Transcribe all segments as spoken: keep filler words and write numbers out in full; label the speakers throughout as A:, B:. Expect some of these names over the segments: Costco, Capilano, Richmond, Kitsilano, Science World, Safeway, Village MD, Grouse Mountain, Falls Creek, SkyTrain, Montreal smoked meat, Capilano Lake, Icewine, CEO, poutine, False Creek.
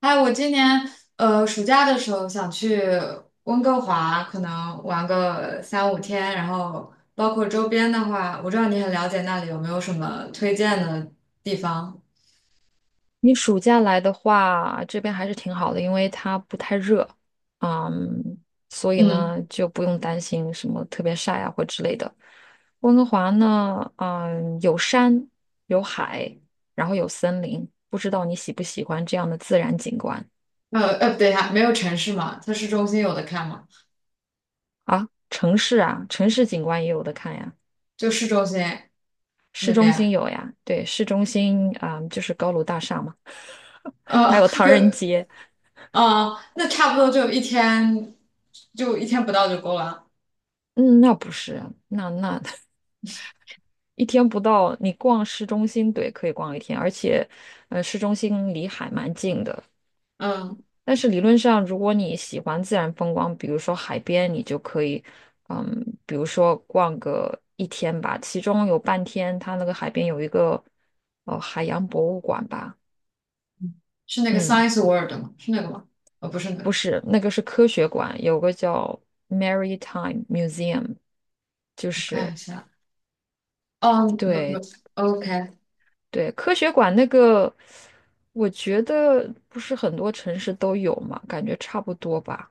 A: 还有我今年呃暑假的时候想去温哥华，可能玩个三五天，然后包括周边的话，我知道你很了解，那里有没有什么推荐的地方？
B: 你暑假来的话，这边还是挺好的，因为它不太热，嗯，所以
A: 嗯。
B: 呢就不用担心什么特别晒啊或之类的。温哥华呢，嗯，有山有海，然后有森林，不知道你喜不喜欢这样的自然景观
A: 呃呃，不对呀，没有城市嘛，它市中心有的看嘛，
B: 啊？城市啊，城市景观也有的看呀，
A: 就市中心
B: 市
A: 那
B: 中心
A: 边，
B: 有呀，对，市中心啊，嗯就是高楼大厦嘛，还
A: 呃，
B: 有唐
A: 有。
B: 人街，
A: 啊，那差不多就一天，就一天不到就够了。
B: 嗯，那不是，那那。一天不到，你逛市中心，对，可以逛一天，而且，呃，市中心离海蛮近的。
A: 嗯，
B: 但是理论上，如果你喜欢自然风光，比如说海边，你就可以，嗯，比如说逛个一天吧，其中有半天，它那个海边有一个，呃，海洋博物馆吧，
A: 是那个
B: 嗯，
A: Science World 吗？是那个吗？呃、不是那
B: 不
A: 个。
B: 是，那个是科学馆，有个叫 Maritime Museum,就
A: 我看
B: 是。
A: 一下。哦，没没
B: 对，
A: ，OK。
B: 对，科学馆那个，我觉得不是很多城市都有嘛，感觉差不多吧，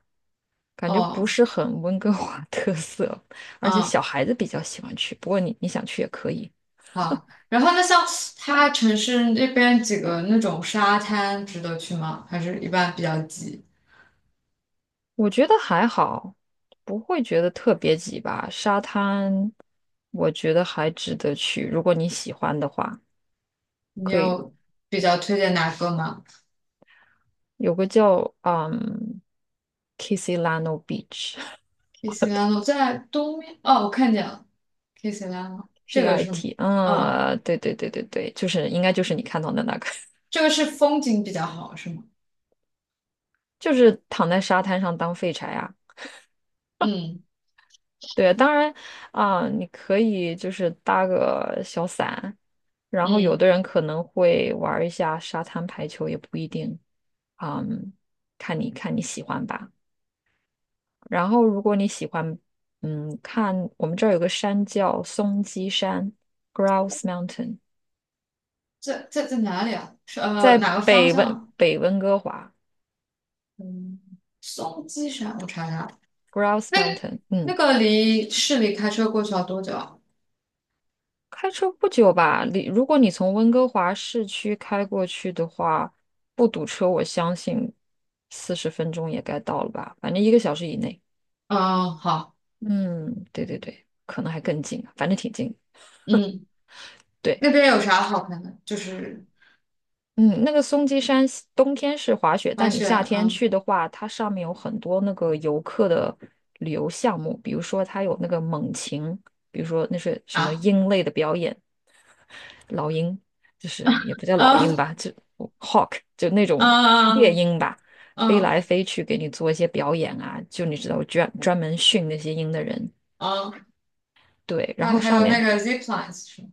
B: 感觉不
A: 哦。
B: 是很温哥华 特色，而且
A: 啊，
B: 小孩子比较喜欢去。不过你你想去也可以，
A: 好。然后那像它城市那边几个那种沙滩值得去吗？还是一般比较挤？
B: 我觉得还好，不会觉得特别挤吧。沙滩，我觉得还值得去，如果你喜欢的话，
A: 你
B: 可以
A: 有比较推荐哪个吗？
B: 有个叫嗯 Kissilano Beach。
A: k i s i l a n o 在东面，哦，我看见了， k i s i l a n o
B: K
A: 这个
B: I
A: 是吗？
B: T,
A: 嗯，
B: 嗯，对对对对对，就是应该就是你看到的那个，
A: 这个是风景比较好是吗？
B: 就是躺在沙滩上当废柴啊。
A: 嗯。
B: 对，当然啊，你可以就是搭个小伞，然后有
A: 嗯，
B: 的人可能会玩儿一下沙滩排球，也不一定。嗯，看你看你喜欢吧。然后如果你喜欢，嗯，看我们这儿有个山叫松鸡山 （(Grouse Mountain),
A: 在在在哪里啊？是呃
B: 在
A: 哪个方
B: 北
A: 向
B: 温
A: 啊？
B: 北温哥华
A: 嗯，松鸡山，我查一下。
B: （(Grouse
A: 那
B: Mountain)。嗯，
A: 那个离市里开车过去要多久啊？
B: 开车不久吧，你如果你从温哥华市区开过去的话，不堵车，我相信四十分钟也该到了吧，反正一个小时以内。
A: 嗯，好。
B: 嗯，对对对，可能还更近，反正挺近。
A: 嗯。
B: 对，
A: 那边有啥好看的？就是。
B: 嗯，那个松鸡山西冬天是滑雪，
A: 滑
B: 但你
A: 雪，
B: 夏天
A: 嗯。
B: 去的话，它上面有很多那个游客的旅游项目，比如说它有那个猛禽，比如说那是什么
A: 啊。
B: 鹰类的表演，老鹰，就是也不叫老鹰
A: 嗯。
B: 吧，就 hawk 就那种猎
A: 嗯。
B: 鹰吧，飞
A: 嗯
B: 来飞去给你做一些表演啊，就你知道专专门训那些鹰的人，
A: 嗯，
B: 对，然
A: 还
B: 后
A: 还
B: 上
A: 有那
B: 面
A: 个 zip lines 是吗？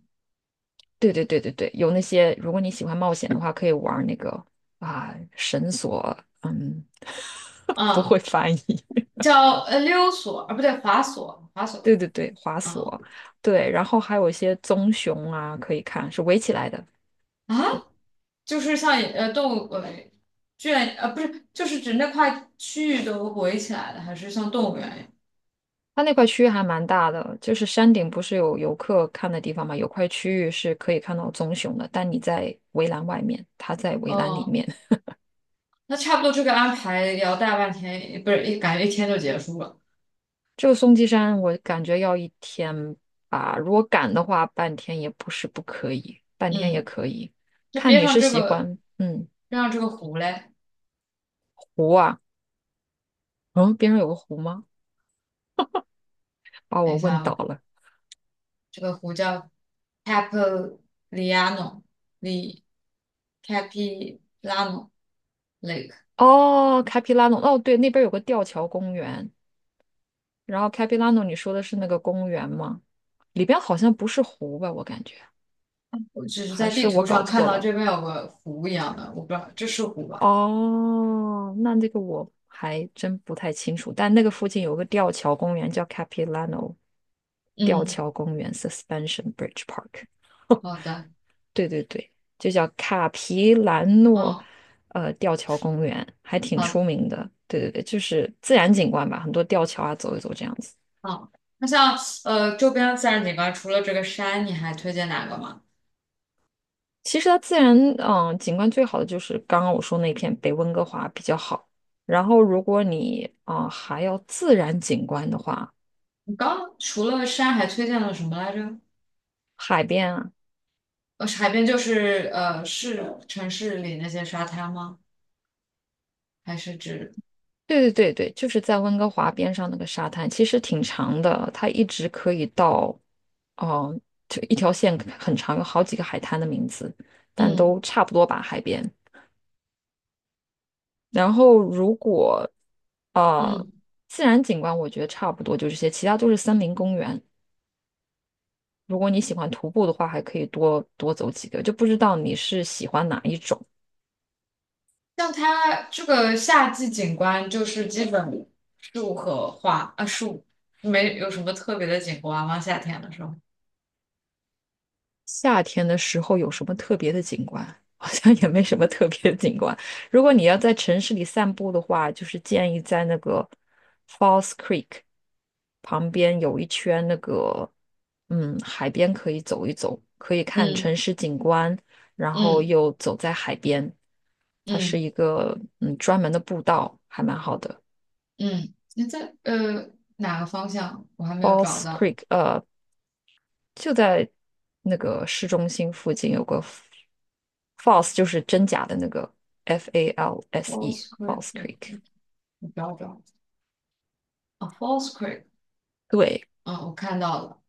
B: 对对对对对，有那些如果你喜欢冒险的话，可以玩那个啊绳索，嗯，不会
A: 嗯，
B: 翻译。
A: 叫呃溜索，啊不对，滑索，滑
B: 对
A: 索。
B: 对对，滑
A: 嗯。
B: 索，对，然后还有一些棕熊啊，可以看，是围起来的，
A: 啊，就是像呃动物呃圈呃不是，就是指那块区域都围起来的，还是像动物园一样？
B: 它那块区域还蛮大的，就是山顶不是有游客看的地方嘛，有块区域是可以看到棕熊的，但你在围栏外面，它在围栏里
A: 哦。
B: 面。
A: 那差不多这个安排也要大半天，不是，一感觉一天就结束了。
B: 这个松鸡山我感觉要一天吧，如果赶的话，半天也不是不可以，半天也
A: 嗯，
B: 可以，
A: 那
B: 看
A: 边
B: 你
A: 上
B: 是
A: 这
B: 喜
A: 个，
B: 欢，嗯，
A: 边上这个湖嘞？
B: 湖啊，嗯，边上有个湖吗？把
A: 等
B: 我
A: 一
B: 问
A: 下
B: 倒
A: 哦。
B: 了。
A: 这个湖叫 Capilano， l i， Capilano Lake。
B: 哦，开皮拉诺，哦，对，那边有个吊桥公园，然后开皮拉诺，你说的是那个公园吗？里边好像不是湖吧，我感觉。
A: 我只是
B: 还
A: 在
B: 是
A: 地
B: 我
A: 图
B: 搞
A: 上看
B: 错
A: 到
B: 了？
A: 这边有个湖一样的，我不知道这是湖吧？
B: 哦，那这个我还真不太清楚。但那个附近有个吊桥公园，叫 Capilano 吊
A: 嗯，
B: 桥公园 （(Suspension Bridge Park)。
A: 好的。
B: 对对对，就叫卡皮兰诺
A: 嗯，
B: 呃吊桥公园，还挺
A: 好。
B: 出名的。对对对，就是自然景观吧，很多吊桥啊，走一走这样子。
A: 好。那像呃周边自然景观，除了这个山，你还推荐哪个吗？
B: 其实它自然嗯景观最好的就是刚刚我说那片北温哥华比较好。然后如果你啊、呃还要自然景观的话，
A: 你刚除了山还推荐了什么来着？
B: 海边啊，
A: 呃，海边就是呃市城市里那些沙滩吗？还是指。
B: 对对对对，就是在温哥华边上那个沙滩，其实挺长的，它一直可以到，哦、就一条线很长，有好几个海滩的名字，但
A: 嗯。
B: 都差不多吧，海边。然后如果呃
A: 嗯。
B: 自然景观，我觉得差不多就这些，其他都是森林公园。如果你喜欢徒步的话，还可以多多走几个。就不知道你是喜欢哪一种。
A: 像它这个夏季景观就是基本树和花啊，树，没有什么特别的景观吗？夏天的时候？
B: 夏天的时候有什么特别的景观？好像也没什么特别的景观。如果你要在城市里散步的话，就是建议在那个 Falls Creek 旁边有一圈那个，嗯，海边可以走一走，可以看
A: 嗯。
B: 城市景观，然后
A: 嗯。
B: 又走在海边。它是
A: 嗯。
B: 一个嗯专门的步道，还蛮好的。
A: 嗯，你在呃哪个方向？我还没有找
B: Falls
A: 到。
B: Creek,呃就在那个市中心附近有个 f- a l s e 就是真假的那个 F A L S E
A: False l Creek，
B: False Creek。
A: 我找找。啊，False l Creek。
B: 对，
A: 嗯，我看到了。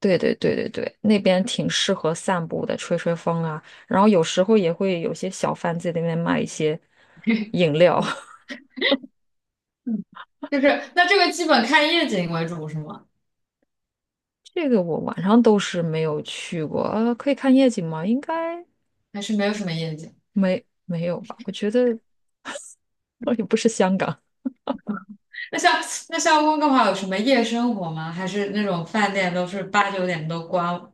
B: 对对对对对，那边挺适合散步的，吹吹风啊。然后有时候也会有些小贩在那边卖一些 饮料。
A: 嗯。 嗯，就是那，这个基本看夜景为主是吗？
B: 这个我晚上都是没有去过，呃，可以看夜景吗？应该
A: 还是没有什么夜景？
B: 没没有吧？我觉得 我也不是香港，
A: 那像，那像温哥华有什么夜生活吗？还是那种饭店都是八九点都关，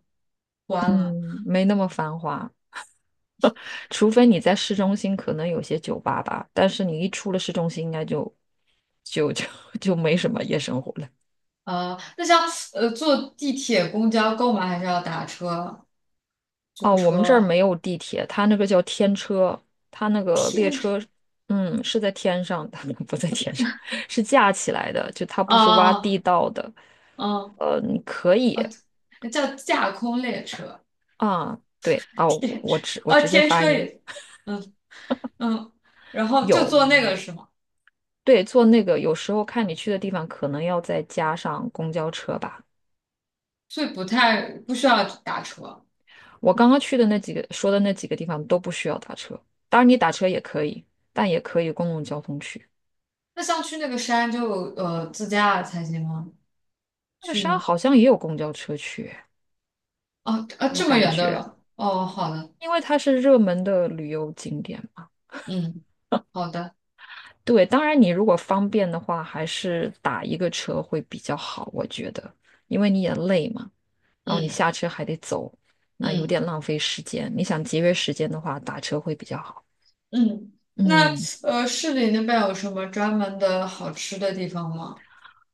A: 关了。
B: 嗯，没那么繁华。除非你在市中心可能有些酒吧吧，但是你一出了市中心，应该就就就 就没什么夜生活了。
A: 啊，那像呃坐地铁、公交购买？还是要打车、租
B: 哦，我们这儿
A: 车？
B: 没有地铁，它那个叫天车，它那个列
A: 天车。
B: 车，嗯，是在天上的，不在天上，是架起来的，就它
A: 啊。
B: 不是挖
A: 啊。
B: 地道的。
A: 啊！
B: 呃，你可以
A: 啊！叫架空列车。
B: 啊，对啊，我
A: 天车
B: 我直我
A: 啊，
B: 直接
A: 天
B: 翻
A: 车
B: 译
A: 也。嗯。嗯，然后就
B: 有，
A: 坐那个是吗？
B: 对，坐那个有时候看你去的地方，可能要再加上公交车吧。
A: 所以不太，不需要打车。
B: 我刚刚去的那几个说的那几个地方都不需要打车，当然你打车也可以，但也可以公共交通去。
A: 那像去那个山就呃自驾才行吗？
B: 那个
A: 去
B: 山
A: 你
B: 好像也有公交车去，
A: 哦，啊
B: 我
A: 这么
B: 感
A: 远的
B: 觉，
A: 了哦，好的。
B: 因为它是热门的旅游景点嘛。
A: 嗯，好的。
B: 对，当然你如果方便的话，还是打一个车会比较好，我觉得，因为你也累嘛，然后你
A: 嗯。
B: 下车还得走，那有
A: 嗯。
B: 点浪费时间。你想节约时间的话，打车会比较好。
A: 嗯，那
B: 嗯。
A: 呃，市里那边有什么专门的好吃的地方吗？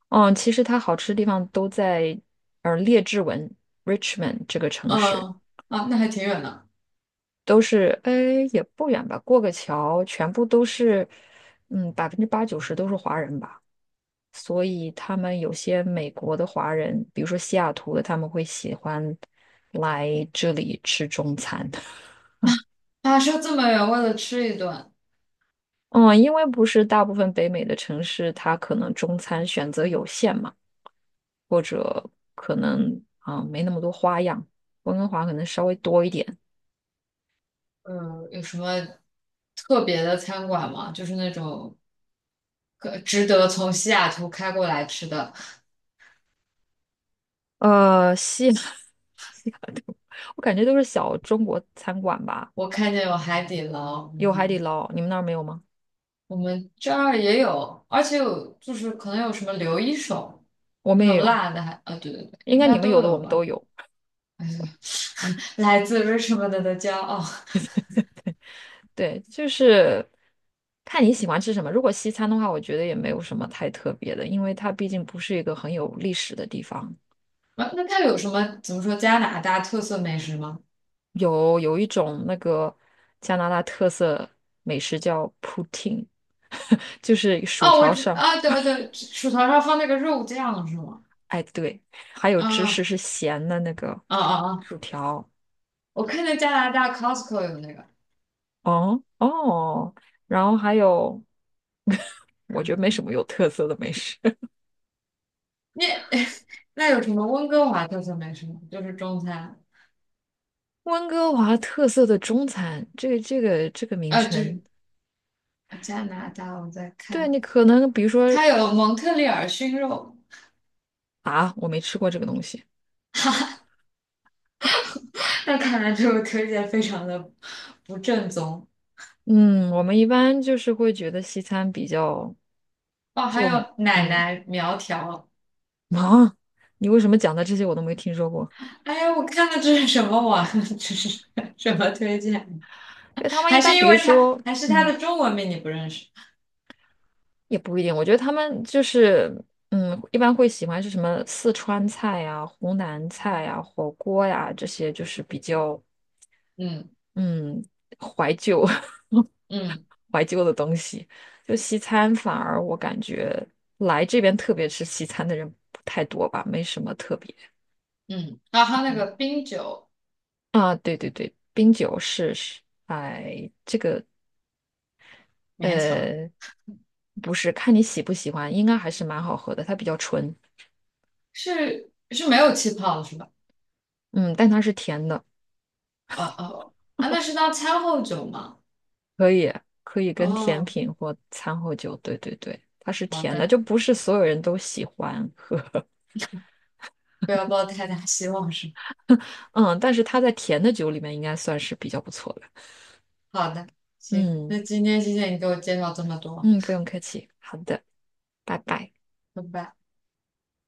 B: 嗯，其实它好吃的地方都在呃列治文 （(Richmond) 这个城市，
A: 嗯。啊，那还挺远的。
B: 都是哎也不远吧，过个桥，全部都是嗯百分之八九十都是华人吧，所以他们有些美国的华人，比如说西雅图的，他们会喜欢来这里吃中餐。
A: 跋涉这么远为了吃一顿。
B: 嗯，因为不是大部分北美的城市，它可能中餐选择有限嘛。或者可能啊、呃没那么多花样，温哥华可能稍微多一点。
A: 呃，有什么特别的餐馆吗？就是那种可值得从西雅图开过来吃的。
B: 呃，西雅 西雅图，我感觉都是小中国餐馆吧，
A: 我看见有海底捞。
B: 有海底
A: 嗯，
B: 捞，你们那儿没有吗？
A: 我们这儿也有，而且有，就是可能有什么刘一手
B: 我
A: 那
B: 们也
A: 种
B: 有，
A: 辣的，还，啊，对对对，
B: 应
A: 应
B: 该你
A: 该
B: 们有
A: 都
B: 的我
A: 有
B: 们都
A: 吧。
B: 有。
A: 哎呀，来自 Richmond 的骄傲。
B: 对，就是看你喜欢吃什么。如果西餐的话，我觉得也没有什么太特别的，因为它毕竟不是一个很有历史的地方。
A: 啊，那它有什么，怎么说，加拿大特色美食吗？
B: 有有一种那个加拿大特色美食叫 poutine,就是薯
A: 哦，我
B: 条
A: 知
B: 上
A: 啊，对对对，薯条上放那个肉酱是吗？
B: 哎，对，还有芝士
A: 啊。
B: 是咸的那个
A: 啊。啊。啊！
B: 薯条，
A: 我看见加拿大 Costco 有那个。
B: 哦哦，然后还有，我觉得没什么有特色的美食。
A: 那， 那有什么温哥华特色美食吗？就是中餐。
B: 温哥华特色的中餐，这个这个这个名
A: 啊，就
B: 称，
A: 是加拿大，我在
B: 对
A: 看。
B: 你可能比如说
A: 它有蒙特利尔熏肉。
B: 啊，我没吃过这个东西。
A: 那看来这个推荐非常的不正宗。
B: 嗯，我们一般就是会觉得西餐比较，
A: 哦，还
B: 就
A: 有奶
B: 嗯
A: 奶苗条。
B: 啊，你为什么讲的这些我都没听说过？
A: 哎呀，我看的这是什么网？这是什么推荐？
B: 对，他 们
A: 还
B: 一
A: 是
B: 般
A: 因
B: 比如
A: 为他，
B: 说，
A: 还是他
B: 嗯。
A: 的中文名你不认识？
B: 也不一定，我觉得他们就是，嗯，一般会喜欢是什么四川菜呀、湖南菜呀、火锅呀这些，就是比较
A: 嗯。
B: 嗯怀旧
A: 嗯。
B: 怀旧的东西。就西餐，反而我感觉来这边特别吃西餐的人不太多吧，没什么特别。
A: 嗯，然后他那
B: 嗯
A: 个冰酒。
B: 啊，对对对，冰酒是是，哎，
A: 勉强。
B: 呃，不是，看你喜不喜欢，应该还是蛮好喝的，它比较纯，
A: 是是没有气泡的是吧？
B: 嗯，但它是甜的。
A: 啊哦啊，那是当餐后酒吗？
B: 可以可以跟甜
A: 哦，
B: 品或餐后酒，对对对，它是
A: 好
B: 甜的，
A: 的，
B: 就不是所有人都喜欢喝，
A: 不要抱太大希望是
B: 嗯，但是它在甜的酒里面应该算是比较不错的，
A: 吧。好的，行，
B: 嗯
A: 那今天谢谢你给我介绍这么多，
B: 嗯，不用客气，好的，拜拜。
A: 拜拜。